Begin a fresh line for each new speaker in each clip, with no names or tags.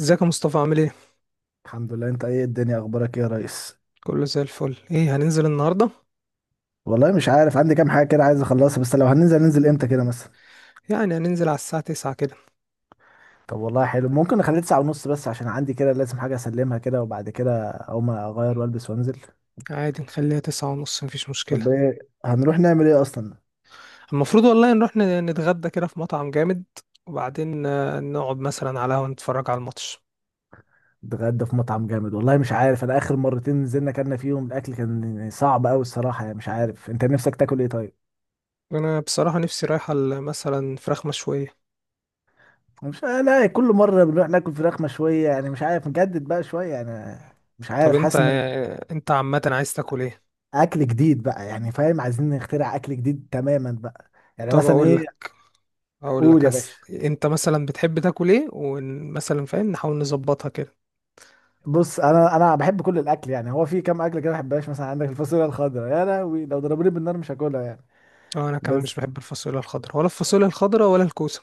ازيك يا مصطفى عامل ايه؟
الحمد لله. انت ايه؟ الدنيا اخبارك ايه يا ريس؟
كله زي الفل. ايه هننزل النهاردة؟
والله مش عارف، عندي كام حاجه كده عايز اخلصها، بس لو هننزل ننزل امتى كده مثلا؟
يعني هننزل على الساعة 9 كده.
طب والله حلو، ممكن نخليه تسعة ونص بس عشان عندي كده لازم حاجه اسلمها كده، وبعد كده اقوم اغير والبس وانزل.
عادي نخليها 9:30، مفيش
طب
مشكلة.
ايه، هنروح نعمل ايه اصلا؟
المفروض والله نروح نتغدى كده في مطعم جامد، وبعدين نقعد مثلا على قهوة نتفرج على الماتش.
نتغدى في مطعم جامد؟ والله مش عارف، انا اخر مرتين نزلنا كنا فيهم الاكل كان صعب قوي الصراحه، يعني مش عارف انت نفسك تاكل ايه طيب.
انا بصراحة نفسي رايحة مثلا فراخ مشوية.
مش، لا كل مره بنروح ناكل فراخ مشويه، يعني مش عارف نجدد بقى شويه يعني. مش
طب
عارف، حاسس ان
انت عامة عايز تاكل ايه؟
اكل جديد بقى يعني، فاهم؟ عايزين نخترع اكل جديد تماما بقى. يعني
طب
مثلا
اقول
ايه؟
لك اقول
قول
لك
يا
هس
باشا.
انت مثلا بتحب تاكل ايه، ومثلا فاهم نحاول نظبطها كده.
بص انا بحب كل الاكل يعني، هو في كام اكل كده ما بحبهاش، مثلا عندك الفاصوليا الخضراء يا لهوي لو ضربوني بالنار مش هاكلها يعني.
اه انا كمان مش
بس
بحب الفاصوليا الخضراء ولا الكوسة.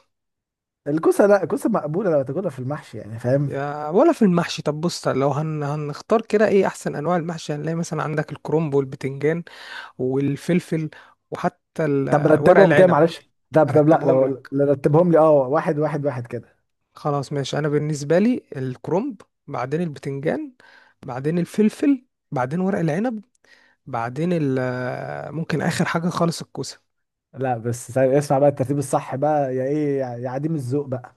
الكوسه، لا الكوسه مقبوله لو تاكلها في المحشي يعني، فاهم؟
يا ولا في المحشي. طب بص، لو هنختار كده ايه احسن انواع المحشي، هنلاقي مثلا عندك الكرنب والبتنجان والفلفل، وحتى
طب
ورق
رتبهم كده
العنب.
معلش. طب طب لا،
ارتبهم
لو
لك.
لو رتبهم لي، اه واحد واحد واحد كده.
خلاص ماشي. انا بالنسبه لي الكرنب، بعدين البتنجان، بعدين الفلفل، بعدين ورق العنب، بعدين ممكن اخر حاجه خالص الكوسه.
لا بس ثانية، اسمع بقى الترتيب الصح بقى، يا ايه يا يا عديم الذوق بقى.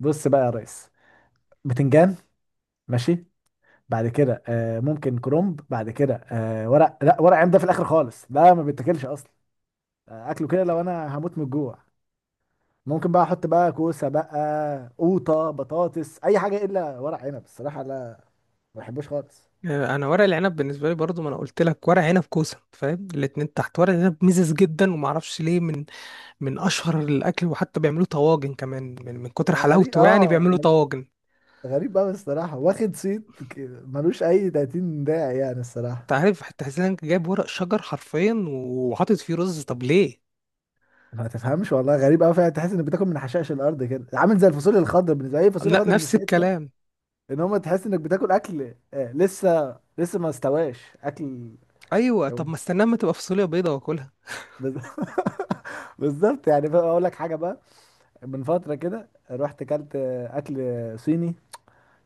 بص بقى يا ريس، بتنجان، ماشي. بعد كده آه ممكن كرومب، بعد كده آه ورق، لا ورق عنب ده في الاخر خالص، ده ما بيتاكلش اصلا. آه اكله كده لو انا هموت من الجوع، ممكن بقى احط بقى كوسه بقى، قوطه، بطاطس، اي حاجه الا ورق عنب الصراحه لا، ما بحبوش خالص.
انا ورق العنب بالنسبه لي برضو، ما انا قلت لك ورق عنب كوسه، فاهم الاتنين تحت. ورق العنب مزز جدا، وما اعرفش ليه، من اشهر الاكل، وحتى بيعملوا طواجن كمان من كتر
آه غريب،
حلاوته، يعني
اه
بيعملوا طواجن.
غريب قوي الصراحه، واخد صيت ملوش اي 30 داعي يعني
انت
الصراحه.
عارف حتى حسين، إنك جايب ورق شجر حرفيا وحاطط فيه رز؟ طب ليه؟
ما تفهمش والله، غريب قوي فعلا، تحس انك بتاكل من حشائش الارض كده، عامل زي الفاصوليا الخضراء بالنسبه لي، الفاصوليا
لا،
الخضراء مش،
نفس الكلام.
ان هو تحس انك بتاكل اكل لسه ما استواش اكل.
ايوه، طب ما استناه ما تبقى فاصوليا بيضه واكلها.
بز- بالظبط، يعني بقى اقول لك حاجه بقى، من فتره كده رحت اكلت اكل صيني.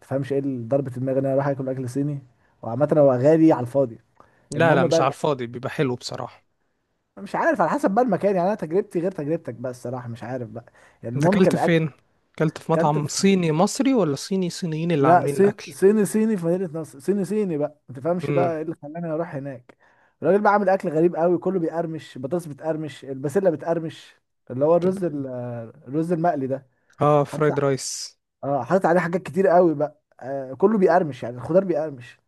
تفهمش ايه اللي ضربه دماغي ان انا اروح اكل اكل صيني؟ وعامه هو غالي على الفاضي.
لا لا،
المهم
مش
بقى،
على الفاضي، بيبقى حلو بصراحه.
مش عارف على حسب بقى المكان، يعني انا تجربتي غير تجربتك بقى الصراحه، مش عارف بقى. يعني
انت
المهم
اكلت
كان اكل،
فين؟ اكلت في
اكلت
مطعم
في،
صيني مصري، ولا صيني صينيين اللي
لا
عاملين الاكل؟
صيني صيني في مدينة نصر، صيني صيني بقى، ما تفهمش
امم.
بقى ايه اللي خلاني اروح هناك. الراجل بقى عامل اكل غريب قوي، كله بيقرمش، بطاطس بتقرمش، البسلة بتقرمش، اللي هو
طب.
الرز الرز المقلي ده.
اه،
حاطط ع-
فرايد رايس.
اه حاطط عليه حاجات كتير قوي بقى، آه كله بيقرمش يعني، الخضار بيقرمش،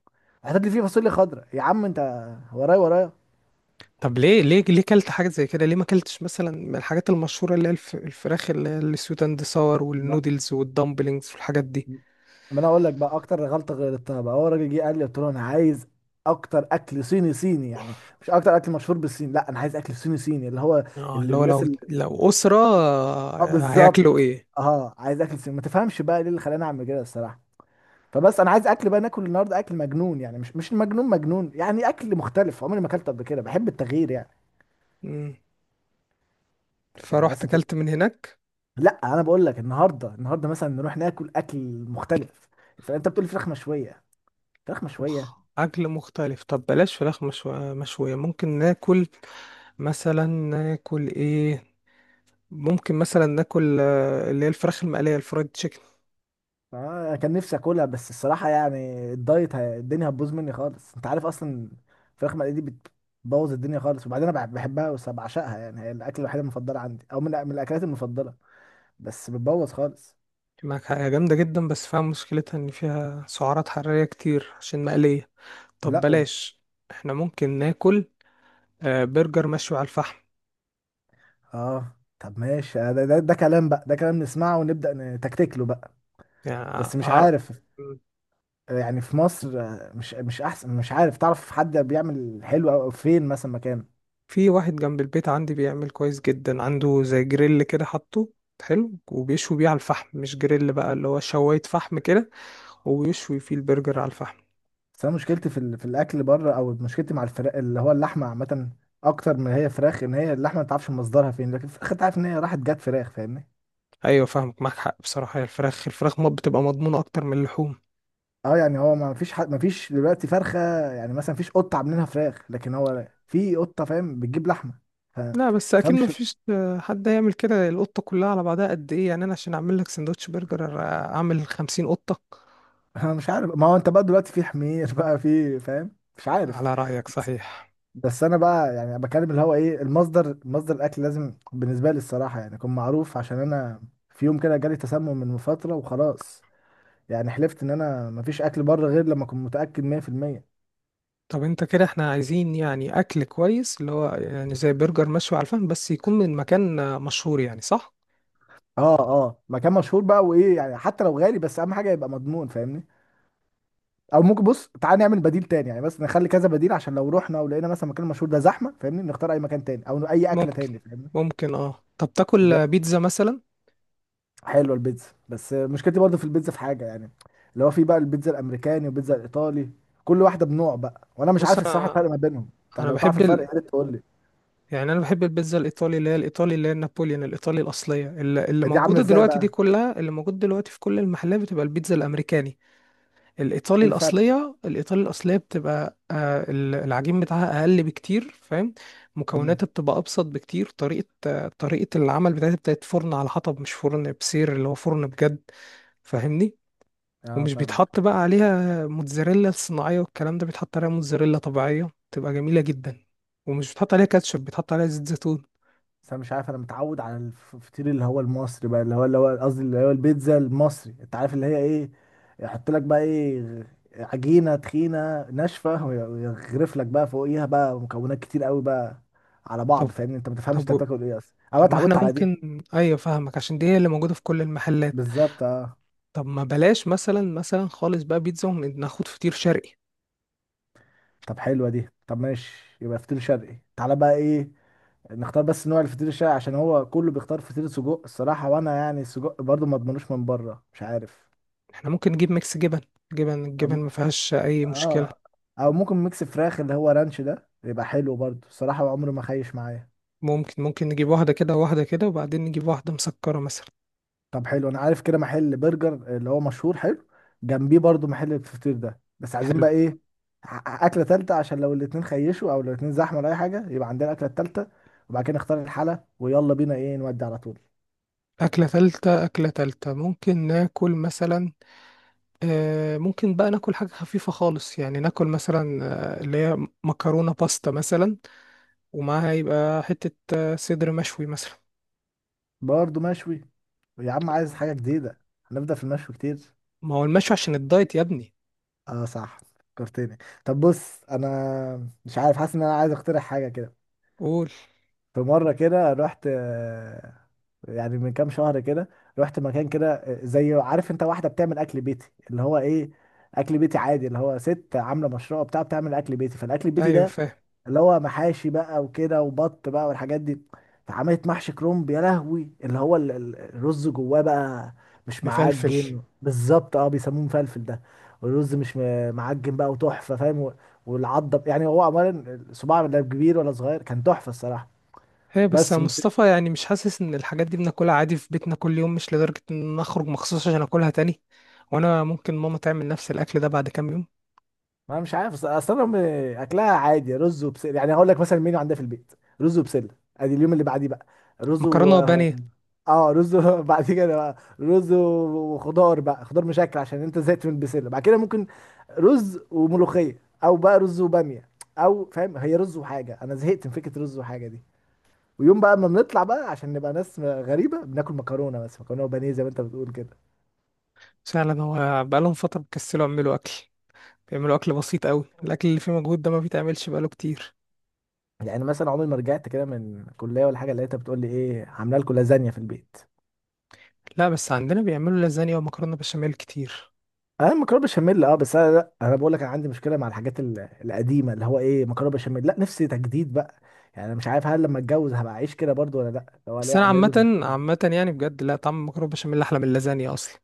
حاطط لي فيه فاصوليا خضراء يا عم انت، ورايا ورايا.
طب ليه ليه ليه كلت حاجة زي كده؟ ليه ما كلتش مثلا من الحاجات المشهورة، اللي هي الفراخ اللي هي السويت اند ساور،
ما
والنودلز، والدمبلينجز، والحاجات دي؟
ما انا اقول لك بقى، اكتر غلطة غلطتها بقى هو الراجل جه قال لي، قلت له انا عايز اكتر اكل صيني صيني، يعني مش اكتر اكل مشهور بالصين، لا انا عايز اكل صيني صيني اللي هو
اه،
اللي
اللي هو
الناس،
لو أسرة،
اه
هياكلوا
بالظبط،
ايه؟
اه عايز اكل سمين. ما تفهمش بقى ليه اللي خلاني اعمل كده الصراحه. فبس انا عايز اكل بقى، ناكل النهارده اكل مجنون، يعني مش مجنون مجنون، يعني اكل مختلف عمري ما اكلت قبل كده، بحب التغيير يعني.
مم.
يعني
فروحت
مثلا
كلت من هناك.
لا انا بقول لك النهارده، النهارده مثلا نروح ناكل اكل مختلف. فانت بتقول فراخ مشويه، فراخ
طب
مشويه.
أكل مختلف. طب بلاش فراخ مشوية. ممكن ناكل مثلا، ناكل ايه؟ ممكن مثلا ناكل، اللي هي الفراخ المقلية، الفرايد تشيكن.
آه كان نفسي اكلها بس الصراحه يعني، الدايت الدنيا هتبوظ مني خالص، انت عارف اصلا الفراخ مقليه دي بتبوظ الدنيا خالص، وبعدين انا بحبها وبعشقها، يعني هي الاكل الوحيد المفضل عندي، او من من الاكلات المفضله بس بتبوظ خالص.
معاك حاجة جامدة جدا، بس فيها مشكلتها ان فيها سعرات حرارية كتير عشان مقلية. طب
لا وب...
بلاش. احنا ممكن ناكل، برجر مشوي على الفحم.
اه طب ماشي، آه، ده كلام بقى، ده كلام نسمعه ونبدأ نتكتك له بقى.
يعني
بس مش عارف، آه، يعني في مصر، آه، مش احسن، مش عارف تعرف حد بيعمل حلو او أو فين مثلا مكان؟
في واحد جنب البيت عندي بيعمل كويس جدا. عنده زي جريل كده حاطه، حلو، وبيشوي بيه على الفحم. مش جريل بقى، اللي هو شواية فحم كده، وبيشوي فيه البرجر على الفحم.
بس انا مشكلتي في في الاكل بره، او مشكلتي مع الفراخ اللي هو اللحمه عامه، اكتر من هي فراخ، ان هي اللحمه ما تعرفش مصدرها فين، لكن الفراخ انت عارف ان هي راحت جت فراخ، فاهمني؟
ايوه فاهمك، معاك حق بصراحة. هي الفراخ ما بتبقى مضمونة اكتر من اللحوم.
اه يعني هو ما فيش حد، ما فيش دلوقتي فرخه، يعني مثلا فيش قطه عاملينها فراخ، لكن هو في قطه فاهم بتجيب لحمه. ف-
لا بس اكيد ما
تفهمش
فيش، حد هيعمل كده. القطة كلها على بعضها قد ايه يعني؟ انا عشان اعمل لك سندوتش برجر، اعمل 50 قطة.
انا مش عارف، ما هو انت بقى دلوقتي في حمير بقى، في فاهم، مش عارف.
على رأيك،
بس
صحيح.
بس انا بقى يعني بكلم اللي هو ايه، المصدر، مصدر الاكل لازم بالنسبه لي الصراحه يعني يكون معروف، عشان انا في يوم كده جالي تسمم من فتره وخلاص، يعني حلفت ان انا مفيش اكل بره غير لما اكون متاكد 100%.
طب انت كده، احنا عايزين يعني اكل كويس، اللي هو يعني زي برجر مشوي على الفحم، بس يكون من مكان، مشهور يعني، صح؟
اه اه، مكان مشهور بقى، وايه يعني حتى لو غالي بس اهم حاجه يبقى مضمون، فاهمني؟ او ممكن بص تعالى نعمل بديل تاني يعني، بس نخلي كذا بديل، عشان لو رحنا ولقينا مثلا مكان مشهور ده زحمه فاهمني، نختار اي مكان تاني او اي اكله
ممكن
تاني، فاهمني؟
ممكن اه، طب تاكل، بيتزا مثلا؟
حلوه البيتزا، بس مشكلتي برضو في البيتزا في حاجه يعني، اللي هو في بقى البيتزا الامريكاني والبيتزا الايطالي، كل واحده بنوع بقى، وانا مش
بص
عارف الصراحه
انا
الفرق ما بينهم، طب
انا
لو تعرف
بحب
الفرق يا ريت تقول لي.
يعني انا بحب البيتزا الايطالي. اللي هي الايطالي، اللي هي النابوليان الايطالي الاصليه، اللي
دي عامله
موجوده
ازاي
دلوقتي. دي
بقى؟
كلها اللي موجود دلوقتي في كل المحلات، بتبقى البيتزا الامريكاني. الايطالي
ايه الفرق؟
الاصليه، بتبقى العجين بتاعها اقل بكتير، فاهم؟
امم،
مكوناتها بتبقى ابسط بكتير. طريقه العمل بتاعتها بتاعت فرن على حطب، مش فرن بسير، اللي هو فرن بجد. فاهمني.
اه
ومش
فاهمك.
بيتحط بقى عليها موتزاريلا صناعيه والكلام ده، بيتحط عليها موتزاريلا طبيعيه، تبقى جميله جدا. ومش بيتحط عليها كاتشب، بيتحط عليها زيت زيتون.
بس انا مش عارف، انا متعود على الفطير اللي هو المصري بقى، اللي هو اللي هو قصدي اللي هو البيتزا المصري، انت عارف اللي هي ايه، يحط لك بقى ايه، عجينه تخينه ناشفه ويغرف لك بقى فوقيها بقى مكونات كتير قوي بقى على
طب
بعض، فاهمني؟ انت ما تفهمش انت
طب
بتاكل ايه اصلا، انا
طب، ما
اتعودت
احنا
على دي.
ممكن، ايوه فاهمك، عشان دي هي اللي موجوده في كل المحلات.
بالظبط اه.
طب ما بلاش مثلا خالص بقى بيتزا، وناخد فطير شرقي.
طب حلوه دي، طب ماشي يبقى فطير شرقي، تعالى بقى ايه نختار، بس نوع الفطير الشرقي، عشان هو كله بيختار فطير سجق الصراحه، وانا يعني السجق برضو ما اضمنوش من بره، مش عارف.
احنا ممكن نجيب ميكس جبن. جبن، الجبن
أم-
ما فيهاش اي مشكلة.
اه. او ممكن ميكس فراخ اللي هو رانش ده، يبقى حلو برضو الصراحه، عمره ما خيش معايا.
ممكن نجيب واحدة كده وواحدة كده، وبعدين نجيب واحدة مسكرة مثلا.
طب حلو، انا عارف كده محل برجر اللي هو مشهور حلو، جنبيه برضو محل الفطير ده، بس عايزين
حلو.
بقى ايه، اكله تالته، عشان لو الاتنين خيشوا او لو الاتنين زحمه ولا اي حاجه يبقى عندنا الاكله التالته، وبعد كده نختار الحلا ويلا بينا ايه نودي على طول.
أكلة تالتة ممكن ناكل مثلا، آه ممكن بقى ناكل حاجة خفيفة خالص يعني. ناكل مثلا آه، اللي هي مكرونة باستا مثلا، ومعاها يبقى حتة آه صدر مشوي مثلا.
برضو مشوي؟ يا عم عايز
آه.
حاجه جديده، هنبدا في المشوي كتير.
ما هو المشوي عشان الدايت يا ابني.
اه صح، فكرتني. طب بص انا مش عارف، حاسس ان انا عايز اقترح حاجه كده.
قول.
في مرة كده رحت آه، يعني من كام شهر كده، رحت مكان كده آه، زي، عارف انت واحدة بتعمل اكل بيتي اللي هو ايه، اكل بيتي عادي، اللي هو ست عاملة مشروع بتاع بتعمل اكل بيتي، فالاكل البيتي
أيوة
ده
فاهم.
اللي هو محاشي بقى وكده وبط بقى والحاجات دي، فعملت محشي كرنب يا لهوي، اللي هو الرز جواه بقى مش
مفلفل.
معجن، فلفل بالظبط اه، بيسموه مفلفل ده. والرز مش معجن بقى، وتحفة فاهم، والعضة يعني هو عمال صباع لا كبير ولا صغير، كان تحفة الصراحة.
هي بس يا
بس متس...
مصطفى، يعني مش حاسس ان الحاجات دي بناكلها عادي في بيتنا كل يوم؟ مش لدرجة ان اخرج مخصوص عشان اكلها تاني، وانا ممكن ماما تعمل نفس الاكل ده بعد كام يوم.
ما مش عارف، اصل انا اكلها عادي رز وبسله، يعني هقول لك مثلا المنيو عندها في البيت، رز وبسله، ادي اليوم اللي بعديه بقى، رز و...
مكرونة وبانيه.
اه رز و- بعد كده بقى رز وخضار بقى، خضار مشكل عشان انت زهقت من البسله، بعد كده ممكن رز وملوخيه او بقى رز وباميه، او فاهم هي رز وحاجه، انا زهقت من فكره رز وحاجه دي. ويوم بقى ما بنطلع بقى عشان نبقى ناس غريبه بناكل مكرونه، بس مكرونه وبانيه زي ما انت بتقول كده.
فعلا، هو بقالهم فترة بيكسلوا يعملوا اكل، بيعملوا اكل بسيط قوي. الاكل اللي فيه مجهود ده ما بيتعملش بقاله كتير.
يعني مثلا عمري ما رجعت كده من كليه ولا حاجه لقيتها بتقول لي ايه، عامله لكم لازانيا في البيت.
لا بس عندنا بيعملوا لازانيا ومكرونة بشاميل كتير.
انا مكرونه بشاميل اه، بس انا لا انا بقول لك، انا عندي مشكله مع الحاجات القديمه، اللي هو ايه مكرونه بشاميل، لا نفسي تجديد بقى، يعني انا مش عارف هل لما اتجوز هبقى اعيش كده برضو ولا لا، لو
بس
الاقي
انا
عامل رز
عامة
وبسمتي.
عامة يعني بجد، لا، طعم المكرونة بشاميل احلى من اللازانيا اصلا.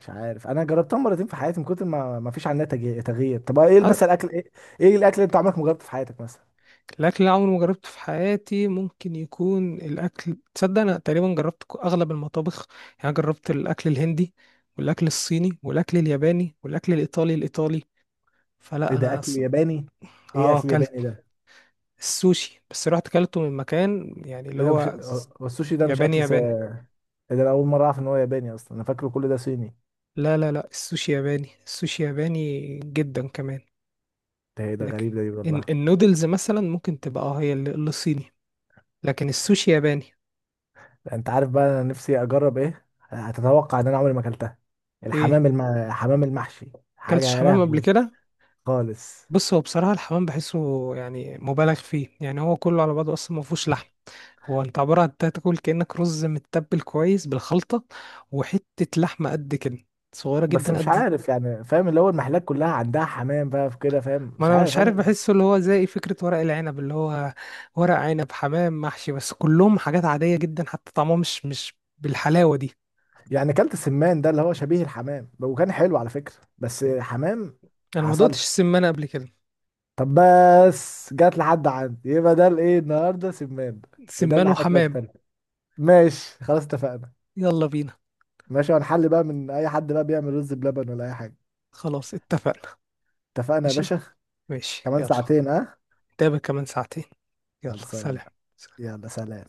مش عارف، انا جربتها مرتين في حياتي، من كتر ما ما فيش عنها تغيير. طب ايه مثلا اكل ايه؟ ايه الاكل اللي انت عمرك ما جربته في حياتك مثلا؟
الاكل اللي عمري ما جربته في حياتي ممكن يكون الاكل، تصدق انا تقريبا جربت اغلب المطابخ. يعني جربت الاكل الهندي، والاكل الصيني، والاكل الياباني، والاكل الايطالي الايطالي.
ايه
فلا
ده
انا
اكل ياباني؟ ايه
اه
اكل
اكلت
ياباني ده؟
السوشي، بس رحت اكلته من مكان يعني اللي
ايه ده مش
هو
هو السوشي ده مش
ياباني
اكل
ياباني.
إيه؟ ده انا اول مره اعرف ان هو ياباني اصلا، انا فاكره كل ده صيني.
لا لا لا، السوشي ياباني، السوشي ياباني جدا كمان.
ده ايه ده
لكن
غريب ده، دي والله.
النودلز مثلا ممكن تبقى، اه، هي اللي صيني. لكن السوشي ياباني.
انت عارف بقى انا نفسي اجرب ايه، هتتوقع ان انا عمري ما اكلتها،
ايه؟
الحمام حمام المحشي، حاجه
اكلتش
يا
حمام قبل
لهوي.
كده؟
خالص.
بص هو بصراحة الحمام بحسه يعني مبالغ فيه. يعني هو كله على بعضه أصلا ما فيهوش لحم. هو أنت عبارة عن تاكل كأنك رز متبل كويس بالخلطة، وحتة لحمة قد كده، صغيرة
بس
جدا
مش
قد.
عارف يعني، فاهم اللي هو المحلات كلها عندها حمام بقى في كده، فاهم؟
ما
مش
أنا
عارف
مش عارف،
عمري،
بحسه اللي هو زي فكرة ورق العنب، اللي هو ورق عنب، حمام محشي، بس كلهم حاجات عادية جدا، حتى طعمهم مش بالحلاوة دي.
يعني اكلت السمان ده اللي هو شبيه الحمام، وكان حلو على فكره، بس حمام ما
أنا ما دقتش
حصلش.
سمان قبل كده.
طب بس جات لحد عندي، يبقى ده الايه النهارده، سمان، ده
سمان
اللي الاكله
وحمام.
التانيه. ماشي خلاص اتفقنا.
يلا بينا.
ماشي، هنحل بقى من اي حد بقى بيعمل رز بلبن ولا اي حاجه.
خلاص اتفقنا.
اتفقنا يا
ماشي
باشا.
ماشي
كمان
يلا.
ساعتين اه.
نتقابل كمان ساعتين. يلا
خلصانة.
سلام.
يلا
سلام.
سلام.